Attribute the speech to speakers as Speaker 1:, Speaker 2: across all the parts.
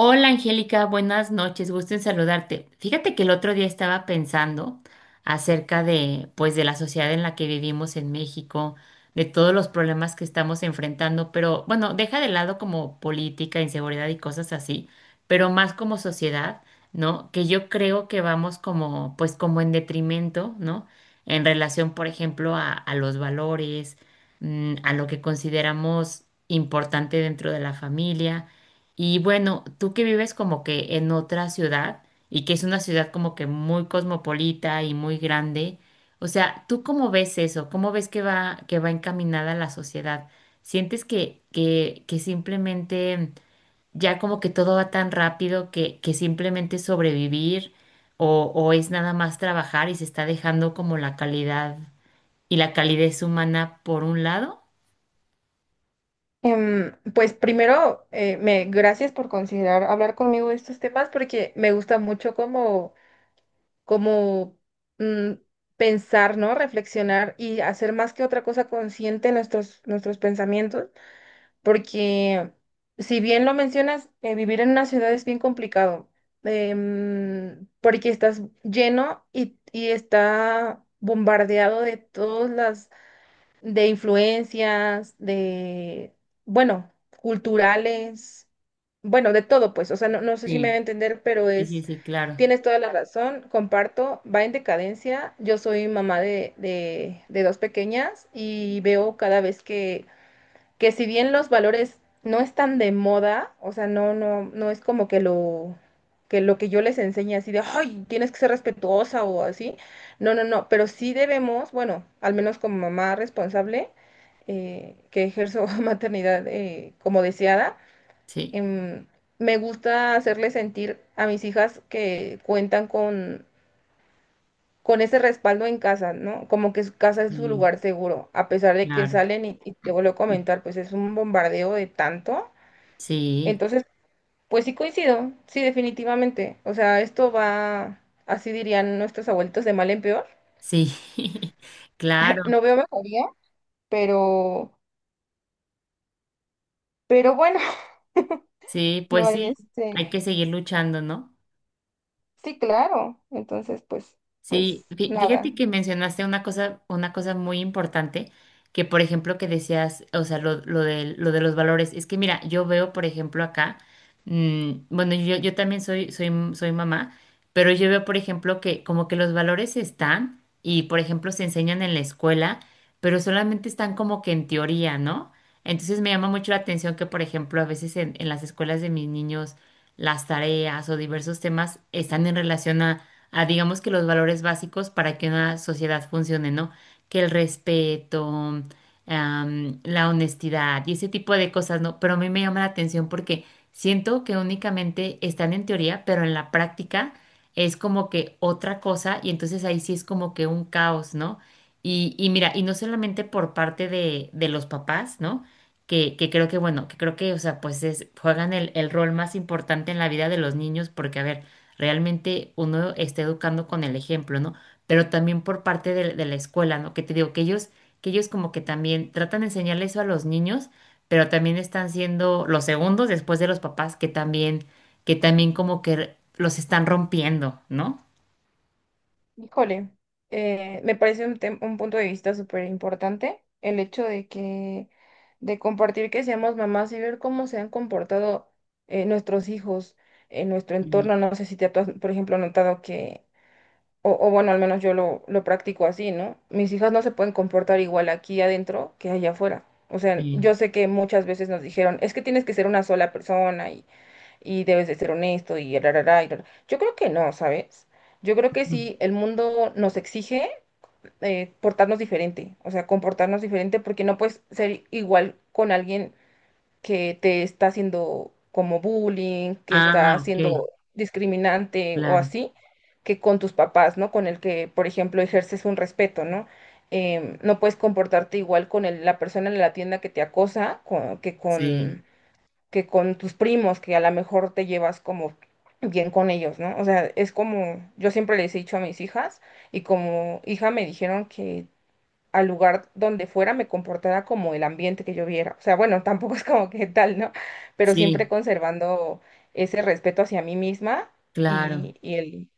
Speaker 1: Hola Angélica, buenas noches, gusto en saludarte. Fíjate que el otro día estaba pensando acerca de, pues, de la sociedad en la que vivimos en México, de todos los problemas que estamos enfrentando, pero bueno, deja de lado como política, inseguridad y cosas así, pero más como sociedad, ¿no? Que yo creo que vamos como, pues, como en detrimento, ¿no? En relación, por ejemplo, a los valores, a lo que consideramos importante dentro de la familia. Y bueno, tú que vives como que en otra ciudad y que es una ciudad como que muy cosmopolita y muy grande, o sea, ¿tú cómo ves eso? ¿Cómo ves que va encaminada la sociedad? ¿Sientes que simplemente ya como que todo va tan rápido que simplemente es sobrevivir o es nada más trabajar y se está dejando como la calidad y la calidez humana por un lado?
Speaker 2: Pues primero, gracias por considerar hablar conmigo de estos temas porque me gusta mucho como mm, pensar, ¿no? Reflexionar y hacer más que otra cosa consciente nuestros pensamientos, porque si bien lo mencionas, vivir en una ciudad es bien complicado, porque estás lleno y está bombardeado de todas las de influencias, de, bueno, culturales, bueno, de todo, pues, o sea, no, no sé si me va
Speaker 1: Sí,
Speaker 2: a entender, pero
Speaker 1: sí, sí,
Speaker 2: es,
Speaker 1: sí, claro.
Speaker 2: tienes toda la razón, comparto, va en decadencia. Yo soy mamá de dos pequeñas y veo cada vez que si bien los valores no están de moda, o sea, no, no, no es como que lo que yo les enseñe así de, ay, tienes que ser respetuosa o así. No, no, no, pero sí debemos, bueno, al menos como mamá responsable, que ejerzo maternidad como deseada,
Speaker 1: Sí,
Speaker 2: em, me gusta hacerles sentir a mis hijas que cuentan con ese respaldo en casa, ¿no? Como que su casa es su
Speaker 1: sí,
Speaker 2: lugar seguro, a pesar de que
Speaker 1: claro.
Speaker 2: salen y te vuelvo a comentar, pues es un bombardeo de tanto.
Speaker 1: Sí,
Speaker 2: Entonces, pues sí coincido, sí, definitivamente. O sea, esto va, así dirían nuestros abuelitos, de mal en peor.
Speaker 1: sí, claro,
Speaker 2: No veo mejoría, pero, pero bueno,
Speaker 1: sí,
Speaker 2: no
Speaker 1: pues
Speaker 2: hay
Speaker 1: sí,
Speaker 2: este.
Speaker 1: hay que seguir luchando, ¿no?
Speaker 2: Sí, claro. Entonces, pues,
Speaker 1: Sí,
Speaker 2: pues nada.
Speaker 1: fíjate que mencionaste una cosa muy importante, que por ejemplo que decías, o sea, lo de los valores. Es que mira, yo veo, por ejemplo, acá, bueno, yo también soy mamá, pero yo veo, por ejemplo, que como que los valores están y, por ejemplo, se enseñan en la escuela, pero solamente están como que en teoría, ¿no? Entonces me llama mucho la atención que, por ejemplo, a veces en las escuelas de mis niños, las tareas o diversos temas están en relación a digamos que los valores básicos para que una sociedad funcione, ¿no? Que el respeto, la honestidad y ese tipo de cosas, ¿no? Pero a mí me llama la atención porque siento que únicamente están en teoría, pero en la práctica es como que otra cosa y entonces ahí sí es como que un caos, ¿no? Y mira, y no solamente por parte de los papás, ¿no? Que creo que, bueno, que creo que, o sea, pues es, juegan el rol más importante en la vida de los niños porque, a ver, realmente uno está educando con el ejemplo, ¿no? Pero también por parte de la escuela, ¿no? Que te digo, que ellos como que también tratan de enseñar eso a los niños, pero también están siendo los segundos después de los papás que también como que los están rompiendo, ¿no?
Speaker 2: Híjole, me parece un, un punto de vista súper importante el hecho de que, de compartir que seamos mamás y ver cómo se han comportado nuestros hijos en nuestro
Speaker 1: Sí,
Speaker 2: entorno. No sé si te has, por ejemplo, notado que, o bueno, al menos yo lo practico así, ¿no? Mis hijas no se pueden comportar igual aquí adentro que allá afuera. O sea,
Speaker 1: sí.
Speaker 2: yo sé que muchas veces nos dijeron, es que tienes que ser una sola persona y debes de ser honesto y rarará, y rará. Yo creo que no, ¿sabes? Yo creo que
Speaker 1: Ujú.
Speaker 2: sí, el mundo nos exige portarnos diferente, o sea, comportarnos diferente porque no puedes ser igual con alguien que te está haciendo como bullying, que está
Speaker 1: Ah, ok,
Speaker 2: haciendo discriminante o
Speaker 1: claro,
Speaker 2: así, que con tus papás, ¿no? Con el que, por ejemplo, ejerces un respeto, ¿no? No puedes comportarte igual con la persona en la tienda que te acosa
Speaker 1: sí,
Speaker 2: que con tus primos, que a lo mejor te llevas como bien con ellos, ¿no? O sea, es como, yo siempre les he dicho a mis hijas y como hija me dijeron que al lugar donde fuera me comportara como el ambiente que yo viera. O sea, bueno, tampoco es como que tal, ¿no? Pero siempre
Speaker 1: sí,
Speaker 2: conservando ese respeto hacia mí misma
Speaker 1: claro.
Speaker 2: y, y el,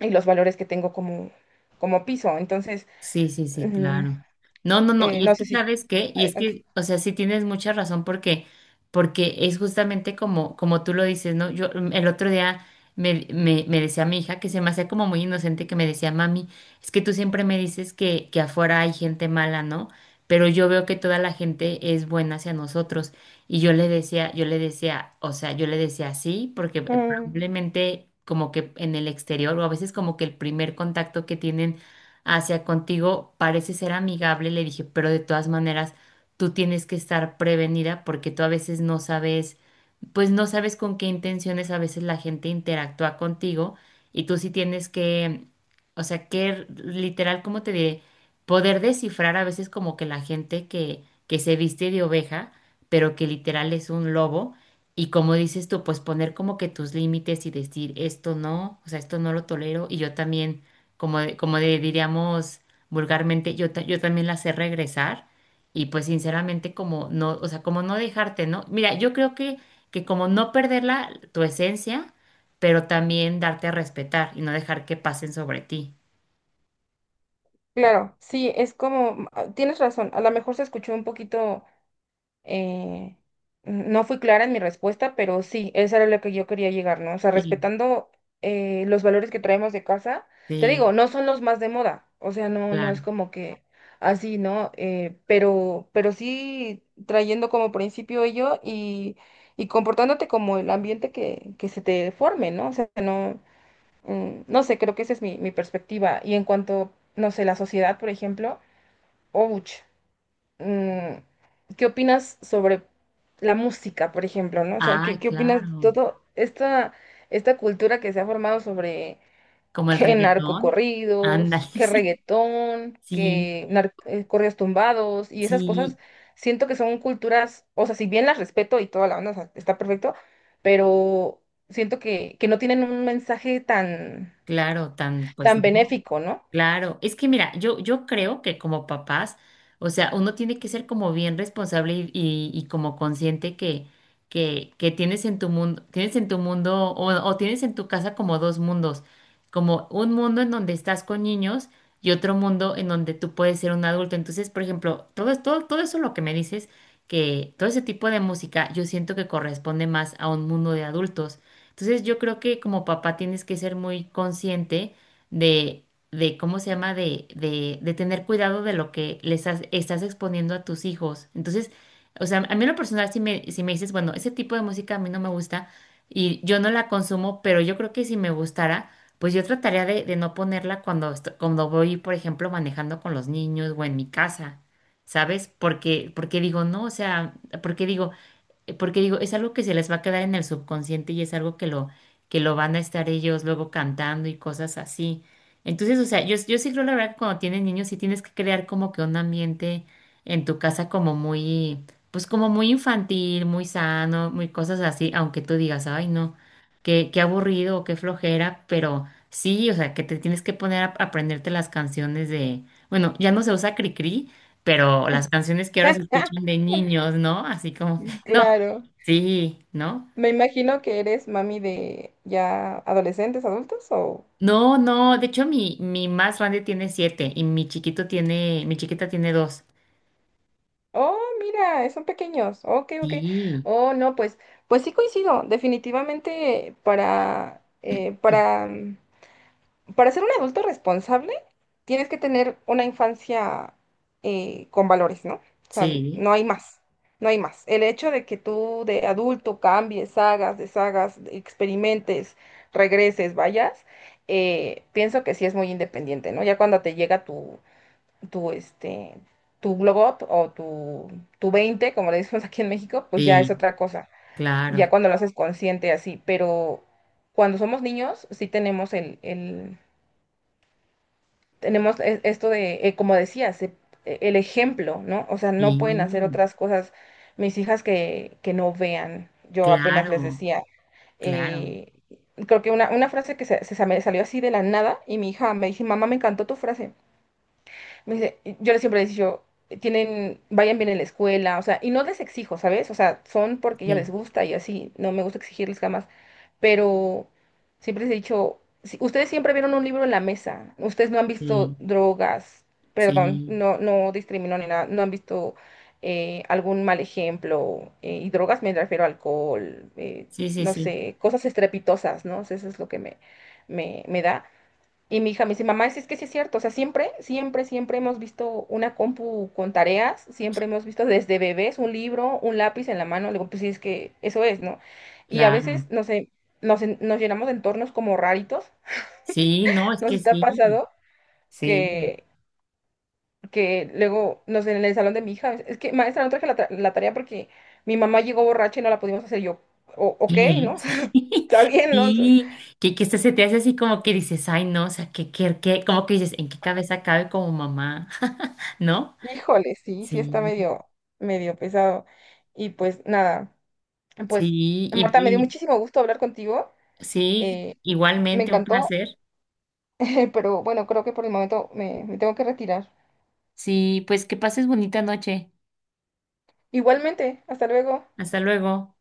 Speaker 2: y los valores que tengo como, como piso. Entonces,
Speaker 1: Sí, sí, sí,
Speaker 2: mm,
Speaker 1: claro. No, no, no, y
Speaker 2: no
Speaker 1: es
Speaker 2: sé
Speaker 1: que
Speaker 2: si...
Speaker 1: sabes qué, y es
Speaker 2: Adelante.
Speaker 1: que, o sea, sí tienes mucha razón porque, porque es justamente como, como tú lo dices, ¿no? Yo el otro día me decía mi hija que se me hacía como muy inocente que me decía, mami, es que tú siempre me dices que afuera hay gente mala, ¿no? Pero yo veo que toda la gente es buena hacia nosotros. Y yo le decía, yo le decía sí, porque
Speaker 2: Mm.
Speaker 1: probablemente como que en el exterior, o a veces como que el primer contacto que tienen hacia contigo, parece ser amigable, le dije, pero de todas maneras, tú tienes que estar prevenida porque tú a veces no sabes pues no sabes con qué intenciones a veces la gente interactúa contigo y tú sí tienes que, o sea, que literal, ¿cómo te diré? Poder descifrar a veces como que la gente que se viste de oveja, pero que literal es un lobo y como dices tú, pues poner como que tus límites y decir esto no, o sea, esto no lo tolero y yo también, como, diríamos vulgarmente, yo también la sé regresar. Y pues sinceramente como no, o sea, como no dejarte, ¿no? Mira, yo creo que como no perderla, tu esencia, pero también darte a respetar y no dejar que pasen sobre ti.
Speaker 2: Claro, sí, es como, ah, tienes razón, a lo mejor se escuchó un poquito, eh, no fui clara en mi respuesta, pero sí, eso era lo que yo quería llegar, ¿no? O sea,
Speaker 1: Sí,
Speaker 2: respetando los valores que traemos de casa, te
Speaker 1: sí,
Speaker 2: digo, no son los más de moda, o sea, no, no es
Speaker 1: claro.
Speaker 2: como que así, ¿no? Pero sí trayendo como principio ello y comportándote como el ambiente que se te forme, ¿no? O sea, no. No sé, creo que esa es mi, mi perspectiva. Y en cuanto, no sé, la sociedad, por ejemplo, ouch, mm, ¿qué opinas sobre la música, por ejemplo, ¿no? O sea, ¿qué,
Speaker 1: Ay,
Speaker 2: qué opinas de
Speaker 1: claro.
Speaker 2: todo esta, esta cultura que se ha formado sobre
Speaker 1: Como el
Speaker 2: qué
Speaker 1: reggaetón. Ándale,
Speaker 2: narcocorridos, qué
Speaker 1: sí.
Speaker 2: reggaetón,
Speaker 1: Sí,
Speaker 2: qué corridos tumbados y esas cosas?
Speaker 1: sí,
Speaker 2: Siento que son culturas, o sea, si bien las respeto y toda la onda, o sea, está perfecto, pero siento que no tienen un mensaje tan
Speaker 1: claro, tan, pues
Speaker 2: tan
Speaker 1: no.
Speaker 2: benéfico, ¿no?
Speaker 1: Claro, es que mira, yo creo que como papás, o sea, uno tiene que ser como bien responsable y, y como consciente que tienes en tu mundo, tienes en tu mundo o tienes en tu casa como dos mundos, como un mundo en donde estás con niños y otro mundo en donde tú puedes ser un adulto. Entonces, por ejemplo, todo eso lo que me dices, que todo ese tipo de música, yo siento que corresponde más a un mundo de adultos. Entonces, yo creo que como papá tienes que ser muy consciente de cómo se llama, de tener cuidado de lo que estás exponiendo a tus hijos. Entonces, o sea, a mí en lo personal, si me dices, bueno, ese tipo de música a mí no me gusta y yo no la consumo, pero yo creo que si me gustara, pues yo trataría de no ponerla cuando, cuando voy, por ejemplo, manejando con los niños o en mi casa. ¿Sabes? Porque, porque digo, no, o sea, porque digo, es algo que se les va a quedar en el subconsciente y es algo que lo van a estar ellos luego cantando y cosas así. Entonces, o sea, yo sí creo la verdad que cuando tienes niños sí tienes que crear como que un ambiente en tu casa como muy, pues como muy infantil, muy sano, muy cosas así, aunque tú digas, ay no, qué aburrido o qué flojera, pero sí, o sea, que te tienes que poner a aprenderte las canciones de, bueno, ya no se usa Cricri, pero las canciones que ahora se escuchan de niños, ¿no? Así como... No,
Speaker 2: Claro.
Speaker 1: sí, ¿no?
Speaker 2: Me imagino que eres mami de ya adolescentes, adultos o...
Speaker 1: No, no, de hecho mi más grande tiene siete y mi chiquita tiene dos.
Speaker 2: Oh, mira, son pequeños. Ok, ok.
Speaker 1: Sí,
Speaker 2: Oh, no, pues, pues sí coincido. Definitivamente para para ser un adulto responsable, tienes que tener una infancia con valores, ¿no? O sea,
Speaker 1: sí,
Speaker 2: no hay más, no hay más. El hecho de que tú de adulto cambies, hagas, deshagas, experimentes, regreses, vayas, pienso que sí es muy independiente, ¿no? Ya cuando te llega tu, este, tu glow up o tu 20, como le decimos aquí en México, pues ya es
Speaker 1: sí,
Speaker 2: otra cosa. Ya
Speaker 1: claro,
Speaker 2: cuando lo haces consciente así, pero cuando somos niños sí tenemos esto de, como decías, el ejemplo, ¿no? O sea, no pueden hacer
Speaker 1: sí,
Speaker 2: otras cosas mis hijas que no vean. Yo apenas les
Speaker 1: claro,
Speaker 2: decía,
Speaker 1: claro,
Speaker 2: eh, creo que una frase que se, me salió así de la nada y mi hija me dice, mamá, me encantó tu frase. Me dice, yo les siempre les digo, tienen, vayan bien en la escuela, o sea, y no les exijo, ¿sabes? O sea, son porque ya
Speaker 1: sí,
Speaker 2: les gusta y así, no me gusta exigirles jamás pero siempre les he dicho, ustedes siempre vieron un libro en la mesa, ustedes no han visto
Speaker 1: sí,
Speaker 2: drogas, perdón,
Speaker 1: sí,
Speaker 2: no, no discrimino ni nada, no han visto algún mal ejemplo, y drogas me refiero a alcohol,
Speaker 1: sí, sí,
Speaker 2: no
Speaker 1: sí,
Speaker 2: sé, cosas estrepitosas, ¿no? O sea, eso es lo que me da. Y mi hija me dice, mamá, es que sí es cierto, o sea, siempre, siempre, siempre hemos visto una compu con tareas, siempre hemos visto desde bebés un libro, un lápiz en la mano, le digo, pues sí, es que eso es, ¿no? Y a veces,
Speaker 1: claro.
Speaker 2: no sé, nos llenamos de entornos como raritos,
Speaker 1: Sí, no, es
Speaker 2: nos
Speaker 1: que
Speaker 2: está
Speaker 1: sí,
Speaker 2: pasado
Speaker 1: sí,
Speaker 2: que, que luego, no sé, en el salón de mi hija, es que maestra, no traje la tarea porque mi mamá llegó borracha y no la pudimos hacer. Y yo, o, ok,
Speaker 1: ¿qué?
Speaker 2: ¿no? Está bien, ¿no? O sea,
Speaker 1: sí, que este se te hace así como que dices, ay, no, o sea, que, como que dices, ¿en qué cabeza cabe como mamá? ¿No?
Speaker 2: híjole, sí, sí está
Speaker 1: Sí,
Speaker 2: medio, medio pesado. Y pues nada. Pues,
Speaker 1: sí,
Speaker 2: Marta, me dio muchísimo gusto hablar contigo.
Speaker 1: y sí,
Speaker 2: eh, Me
Speaker 1: igualmente un
Speaker 2: encantó,
Speaker 1: placer.
Speaker 2: pero bueno, creo que por el momento me tengo que retirar.
Speaker 1: Sí, pues que pases bonita noche.
Speaker 2: Igualmente, hasta luego.
Speaker 1: Hasta luego.